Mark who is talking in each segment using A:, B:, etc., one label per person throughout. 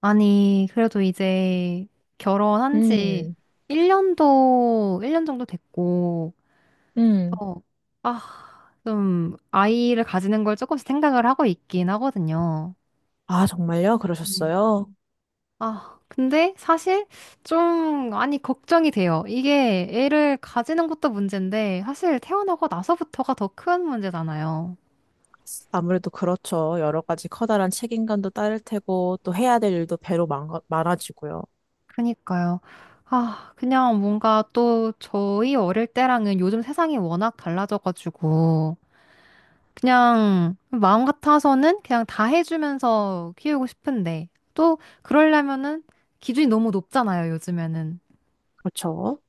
A: 아니, 그래도 이제 결혼한 지
B: 음,
A: 1년도, 1년 정도 됐고,
B: 음.
A: 어, 아, 좀 아이를 가지는 걸 조금씩 생각을 하고 있긴 하거든요.
B: 아, 정말요?
A: 음.
B: 그러셨어요?
A: 아, 근데 사실 좀, 아니, 걱정이 돼요. 이게 애를 가지는 것도 문제인데, 사실 태어나고 나서부터가 더 큰 문제잖아요.
B: 아무래도 그렇죠. 여러 가지 커다란 책임감도 따를 테고, 또 해야 될 일도 배로 많아지고요.
A: 그니까요. 아, 그냥 뭔가 또 저희 어릴 때랑은 요즘 세상이 워낙 달라져가지고, 그냥 마음 같아서는 그냥 다 해주면서 키우고 싶은데 또 그러려면은 기준이 너무 높잖아요, 요즘에는.
B: 그렇죠.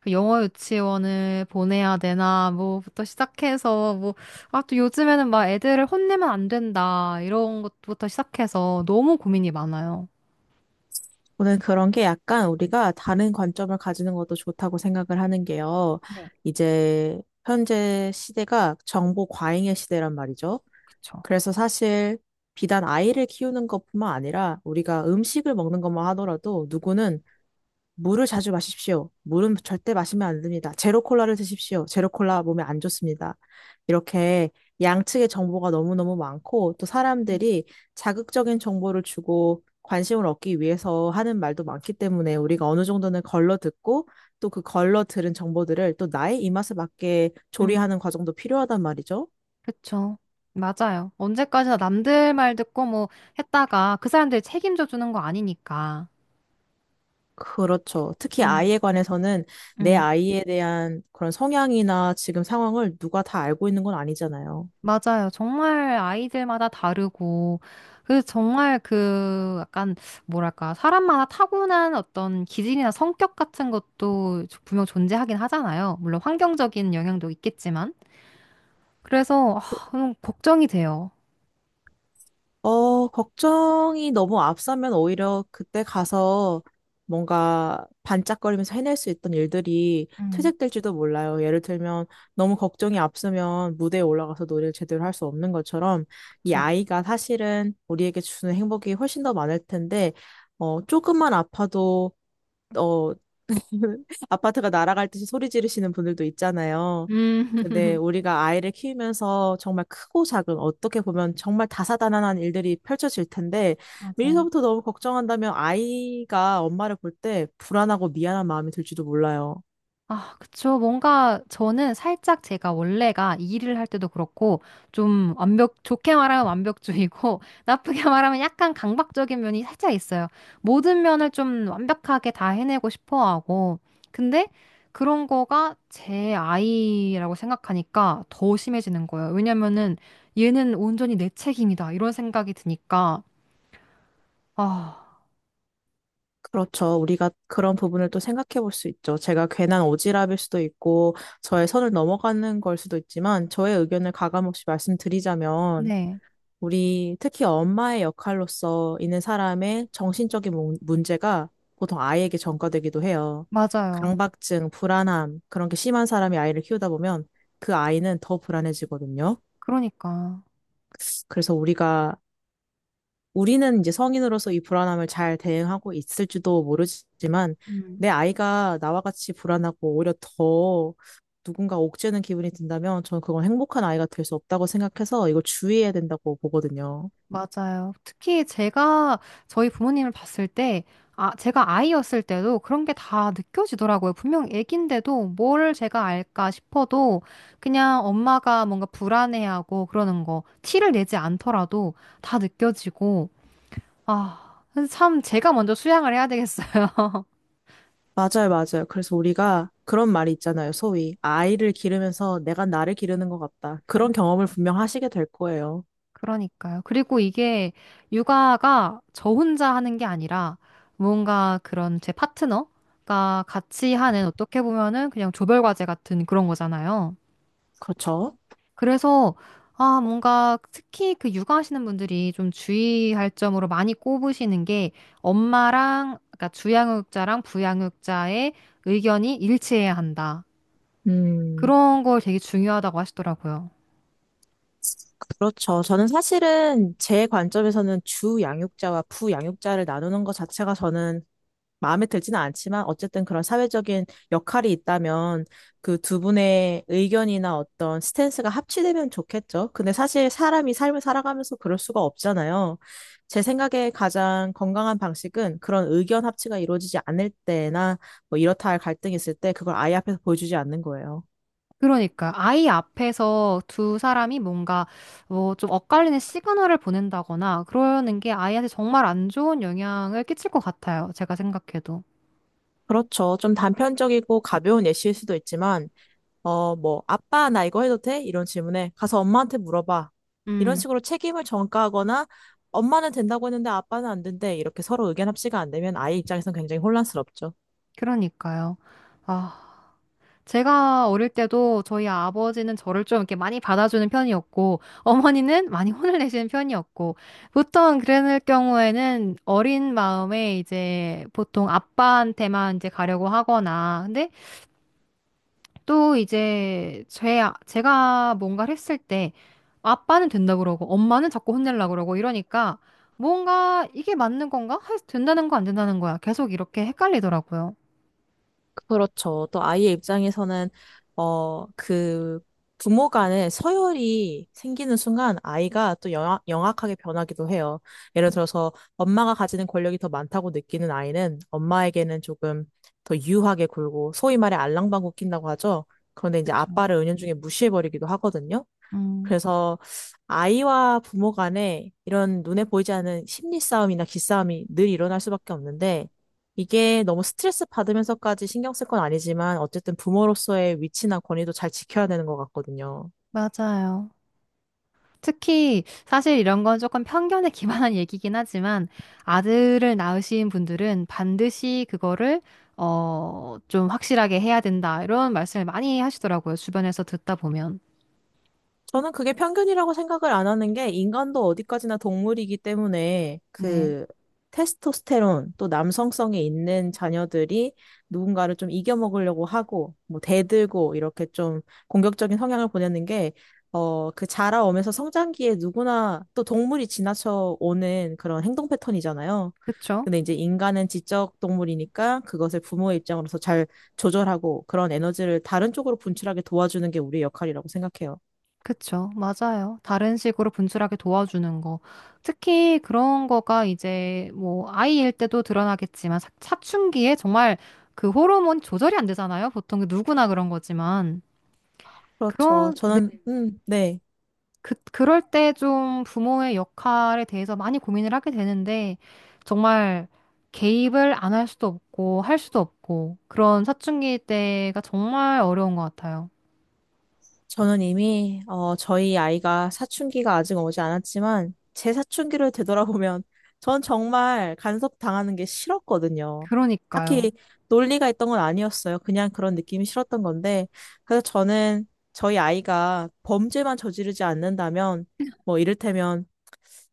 A: 그 영어 유치원을 보내야 되나 뭐부터 시작해서 뭐 아 또 요즘에는 막 애들을 혼내면 안 된다 이런 것부터 시작해서 너무 고민이 많아요.
B: 저는 그런 게 약간 우리가 다른 관점을 가지는 것도 좋다고 생각을 하는 게요.
A: 네,
B: 이제 현재 시대가 정보 과잉의 시대란 말이죠.
A: 그쵸.
B: 그래서 사실 비단 아이를 키우는 것뿐만 아니라 우리가 음식을 먹는 것만 하더라도 누구는 물을 자주 마십시오. 물은 절대 마시면 안 됩니다. 제로 콜라를 드십시오. 제로 콜라 몸에 안 좋습니다. 이렇게 양측의 정보가 너무너무 많고 또 사람들이 자극적인 정보를 주고 관심을 얻기 위해서 하는 말도 많기 때문에 우리가 어느 정도는 걸러 듣고 또 그 걸러 들은 정보들을 또 나의 입맛에 맞게
A: 음,
B: 조리하는 과정도 필요하단 말이죠.
A: 그쵸. 맞아요. 언제까지나 남들 말 듣고 뭐 했다가 그 사람들이 책임져 주는 거 아니니까.
B: 그렇죠. 특히
A: 음.
B: 아이에 관해서는 내
A: 음.
B: 아이에 대한 그런 성향이나 지금 상황을 누가 다 알고 있는 건 아니잖아요.
A: 맞아요. 정말 아이들마다 다르고, 그 정말 그 약간 뭐랄까, 사람마다 타고난 어떤 기질이나 성격 같은 것도 분명 존재하긴 하잖아요. 물론 환경적인 영향도 있겠지만. 그래서, 아, 너무 걱정이 돼요.
B: 걱정이 너무 앞서면 오히려 그때 가서 뭔가 반짝거리면서 해낼 수 있던 일들이
A: 음,
B: 퇴색될지도 몰라요. 예를 들면 너무 걱정이 앞서면 무대에 올라가서 노래를 제대로 할 수 없는 것처럼 이
A: 그쵸.
B: 아이가 사실은 우리에게 주는 행복이 훨씬 더 많을 텐데, 조금만 아파도, 어, 아파트가 날아갈 듯이 소리 지르시는 분들도 있잖아요.
A: 음.
B: 근데 우리가 아이를 키우면서 정말 크고 작은 어떻게 보면 정말 다사다난한 일들이 펼쳐질 텐데
A: 맞아요.
B: 미리서부터 너무 걱정한다면 아이가 엄마를 볼 때 불안하고 미안한 마음이 들지도 몰라요.
A: 아, 그쵸. 뭔가 저는 살짝 제가 원래가 일을 할 때도 그렇고 좀 완벽, 좋게 말하면 완벽주의고 나쁘게 말하면 약간 강박적인 면이 살짝 있어요. 모든 면을 좀 완벽하게 다 해내고 싶어 하고. 근데 그런 거가 제 아이라고 생각하니까 더 심해지는 거예요. 왜냐면은 얘는 온전히 내 책임이다. 이런 생각이 드니까. 아,
B: 그렇죠. 우리가 그런 부분을 또 생각해 볼 수 있죠. 제가 괜한 오지랖일 수도 있고 저의 선을 넘어가는 걸 수도 있지만 저의 의견을 가감 없이 말씀드리자면
A: 네.
B: 우리 특히 엄마의 역할로서 있는 사람의 정신적인 문제가 보통 아이에게 전가되기도 해요.
A: 맞아요.
B: 강박증, 불안함, 그런 게 심한 사람이 아이를 키우다 보면 그 아이는 더 불안해지거든요.
A: 그러니까.
B: 그래서 우리가, 우리는 이제 성인으로서 이 불안함을 잘 대응하고 있을지도 모르지만
A: 음.
B: 내 아이가 나와 같이 불안하고 오히려 더 누군가 옥죄는 기분이 든다면 저는 그건 행복한 아이가 될 수 없다고 생각해서 이걸 주의해야 된다고 보거든요.
A: 맞아요. 특히 제가 저희 부모님을 봤을 때, 아, 제가 아이였을 때도 그런 게 다 느껴지더라고요. 분명 애긴데도 뭘 제가 알까 싶어도 그냥 엄마가 뭔가 불안해하고 그러는 거, 티를 내지 않더라도 다 느껴지고, 아, 그래서 참 제가 먼저 수양을 해야 되겠어요.
B: 맞아요, 맞아요. 그래서 우리가 그런 말이 있잖아요. 소위. 아이를 기르면서 내가 나를 기르는 것 같다. 그런 경험을 분명 하시게 될 거예요.
A: 그러니까요. 그리고 이게 육아가 저 혼자 하는 게 아니라 뭔가 그런 제 파트너가 같이 하는 어떻게 보면은 그냥 조별 과제 같은 그런 거잖아요.
B: 그렇죠?
A: 그래서 아, 뭔가 특히 그 육아하시는 분들이 좀 주의할 점으로 많이 꼽으시는 게 엄마랑 그러니까 주양육자랑 부양육자의 의견이 일치해야 한다.
B: 음,
A: 그런 걸 되게 중요하다고 하시더라고요.
B: 그렇죠. 저는 사실은 제 관점에서는 주 양육자와 부 양육자를 나누는 것 자체가 저는 마음에 들지는 않지만 어쨌든 그런 사회적인 역할이 있다면 그 두 분의 의견이나 어떤 스탠스가 합치되면 좋겠죠. 근데 사실 사람이 삶을 살아가면서 그럴 수가 없잖아요. 제 생각에 가장 건강한 방식은 그런 의견 합치가 이루어지지 않을 때나 뭐 이렇다 할 갈등이 있을 때 그걸 아이 앞에서 보여주지 않는 거예요.
A: 그러니까 아이 앞에서 두 사람이 뭔가 뭐 좀 엇갈리는 시그널을 보낸다거나 그러는 게 아이한테 정말 안 좋은 영향을 끼칠 것 같아요. 제가 생각해도.
B: 그렇죠. 좀 단편적이고 가벼운 예시일 수도 있지만 뭐, 아빠, 나 이거 해도 돼? 이런 질문에 가서 엄마한테 물어봐. 이런
A: 음,
B: 식으로 책임을 전가하거나 엄마는 된다고 했는데 아빠는 안 된대. 이렇게 서로 의견 합치가 안 되면 아이 입장에선 굉장히 혼란스럽죠.
A: 그러니까요. 아, 제가 어릴 때도 저희 아버지는 저를 좀 이렇게 많이 받아주는 편이었고 어머니는 많이 혼을 내시는 편이었고 보통 그랬을 경우에는 어린 마음에 이제 보통 아빠한테만 이제 가려고 하거나 근데 또 이제 제가 뭔가를 했을 때 아빠는 된다 그러고 엄마는 자꾸 혼내려고 그러고 이러니까 뭔가 이게 맞는 건가? 된다는 거 안 된다는 거야. 계속 이렇게 헷갈리더라고요.
B: 그렇죠. 또 아이의 입장에서는 어, 그 부모 간의 서열이 생기는 순간 아이가 또 영악하게 변하기도 해요. 예를 들어서 엄마가 가지는 권력이 더 많다고 느끼는 아이는 엄마에게는 조금 더 유하게 굴고 소위 말해 알랑방구 낀다고 하죠. 그런데 이제
A: 그쵸.
B: 아빠를 은연중에 무시해버리기도 하거든요.
A: 음,
B: 그래서 아이와 부모 간에 이런 눈에 보이지 않은 심리 싸움이나 기싸움이 늘 일어날 수밖에 없는데 이게 너무 스트레스 받으면서까지 신경 쓸 건 아니지만 어쨌든 부모로서의 위치나 권위도 잘 지켜야 되는 것 같거든요.
A: 맞아요. 특히 사실 이런 건 조금 편견에 기반한 얘기긴 하지만 아들을 낳으신 분들은 반드시 그거를 좀 확실하게 해야 된다. 이런 말씀을 많이 하시더라고요. 주변에서 듣다 보면.
B: 저는 그게 편견이라고 생각을 안 하는 게 인간도 어디까지나 동물이기 때문에
A: 네.
B: 그 테스토스테론 또 남성성이 있는 자녀들이 누군가를 좀 이겨먹으려고 하고 뭐 대들고 이렇게 좀 공격적인 성향을 보내는 게 그 자라오면서 성장기에 누구나 또 동물이 지나쳐 오는 그런 행동 패턴이잖아요.
A: 그쵸?
B: 근데 이제 인간은 지적 동물이니까 그것을 부모의 입장으로서 잘 조절하고 그런 에너지를 다른 쪽으로 분출하게 도와주는 게 우리의 역할이라고 생각해요.
A: 그쵸, 맞아요. 다른 식으로 분출하게 도와주는 거. 특히 그런 거가 이제 뭐 아이일 때도 드러나겠지만 사춘기에 정말 그 호르몬 조절이 안 되잖아요. 보통 그 누구나 그런 거지만.
B: 그렇죠.
A: 그런, 네,
B: 저는, 네.
A: 그럴 때 좀 부모의 역할에 대해서 많이 고민을 하게 되는데 정말 개입을 안 할 수도 없고 할 수도 없고 그런 사춘기 때가 정말 어려운 것 같아요.
B: 저는 이미, 저희 아이가 사춘기가 아직 오지 않았지만, 제 사춘기를 되돌아보면, 전 정말 간섭당하는 게 싫었거든요.
A: 그러니까요.
B: 딱히 논리가 있던 건 아니었어요. 그냥 그런 느낌이 싫었던 건데, 그래서 저는 저희 아이가 범죄만 저지르지 않는다면, 뭐, 이를테면,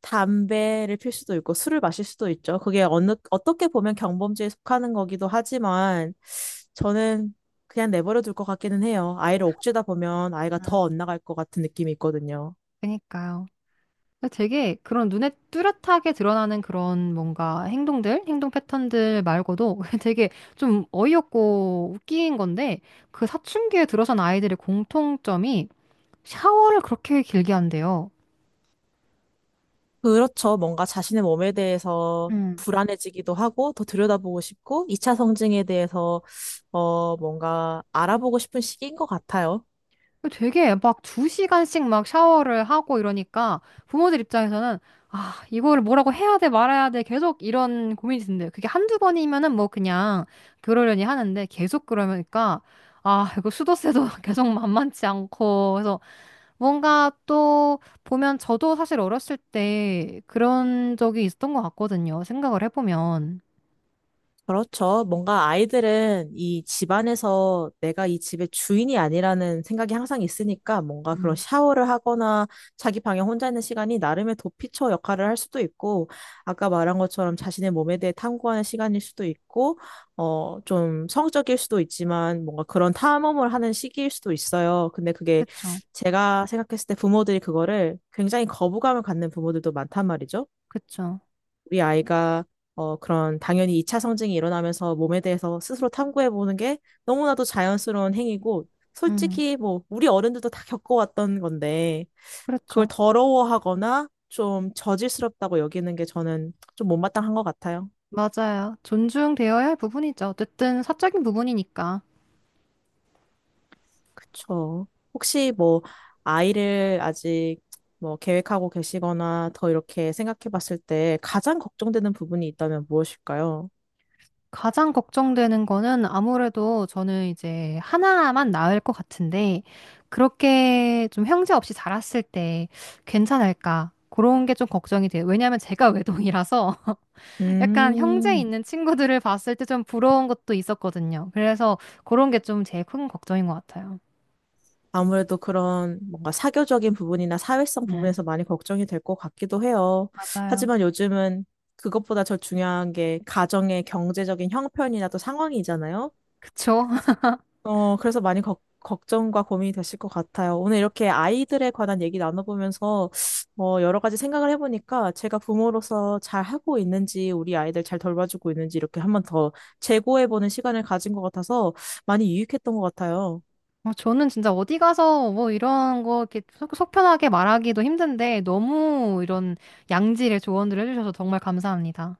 B: 담배를 필 수도 있고, 술을 마실 수도 있죠. 그게 어느, 어떻게 보면 경범죄에 속하는 거기도 하지만, 저는 그냥 내버려 둘 것 같기는 해요. 아이를 억죄다 보면 아이가
A: 음.
B: 더 엇나갈 것 같은 느낌이 있거든요.
A: 그러니까요. 근데 되게 그런 눈에 뚜렷하게 드러나는 그런 뭔가 행동들, 행동 패턴들 말고도 되게 좀 어이없고 웃긴 건데 그 사춘기에 들어선 아이들의 공통점이 샤워를 그렇게 길게 한대요.
B: 그렇죠. 뭔가 자신의 몸에 대해서 불안해지기도 하고 더 들여다보고 싶고 2차 성징에 대해서 뭔가 알아보고 싶은 시기인 것 같아요.
A: 되게 막 2시간씩 막 샤워를 하고 이러니까 부모들 입장에서는 아, 이거를 뭐라고 해야 돼, 말아야 돼, 계속 이런 고민이 드는데 그게 한두 번이면은 뭐 그냥 그러려니 하는데 계속 그러니까 아, 이거 수도세도 계속 만만치 않고 그래서 뭔가 또 보면 저도 사실 어렸을 때 그런 적이 있었던 것 같거든요. 생각을 해보면.
B: 그렇죠. 뭔가 아이들은 이 집안에서 내가 이 집의 주인이 아니라는 생각이 항상 있으니까 뭔가 그런
A: 음,
B: 샤워를 하거나 자기 방에 혼자 있는 시간이 나름의 도피처 역할을 할 수도 있고, 아까 말한 것처럼 자신의 몸에 대해 탐구하는 시간일 수도 있고, 좀 성적일 수도 있지만 뭔가 그런 탐험을 하는 시기일 수도 있어요. 근데 그게
A: 그쵸,
B: 제가 생각했을 때 부모들이 그거를 굉장히 거부감을 갖는 부모들도 많단 말이죠.
A: 그쵸.
B: 우리 아이가 그런 당연히 2차 성징이 일어나면서 몸에 대해서 스스로 탐구해보는 게 너무나도 자연스러운 행위고
A: 음,
B: 솔직히 뭐 우리 어른들도 다 겪어왔던 건데 그걸
A: 그렇죠.
B: 더러워하거나 좀 저질스럽다고 여기는 게 저는 좀 못마땅한 것 같아요.
A: 맞아요. 존중되어야 할 부분이죠. 어쨌든 사적인 부분이니까.
B: 그쵸. 혹시 뭐 아이를 아직 뭐 계획하고 계시거나 더 이렇게 생각해 봤을 때 가장 걱정되는 부분이 있다면 무엇일까요?
A: 가장 걱정되는 거는 아무래도 저는 이제 하나만 낳을 것 같은데, 그렇게 좀 형제 없이 자랐을 때 괜찮을까? 그런 게 좀 걱정이 돼요. 왜냐하면 제가 외동이라서 약간 형제
B: 음.
A: 있는 친구들을 봤을 때 좀 부러운 것도 있었거든요. 그래서 그런 게 좀 제일 큰 걱정인 것 같아요.
B: 아무래도 그런 뭔가 사교적인 부분이나 사회성
A: 네.
B: 부분에서 많이 걱정이 될 것 같기도 해요.
A: 맞아요.
B: 하지만 요즘은 그것보다 더 중요한 게 가정의 경제적인 형편이나 또 상황이잖아요.
A: 그쵸?
B: 그래서 많이 걱 걱정과 고민이 되실 것 같아요. 오늘 이렇게 아이들에 관한 얘기 나눠보면서 여러 가지 생각을 해보니까 제가 부모로서 잘 하고 있는지 우리 아이들 잘 돌봐주고 있는지 이렇게 한번 더 재고해보는 시간을 가진 것 같아서 많이 유익했던 것 같아요.
A: 저는 진짜 어디 가서 뭐 이런 거 이렇게 속 편하게 말하기도 힘든데 너무 이런 양질의 조언들을 해주셔서 정말 감사합니다.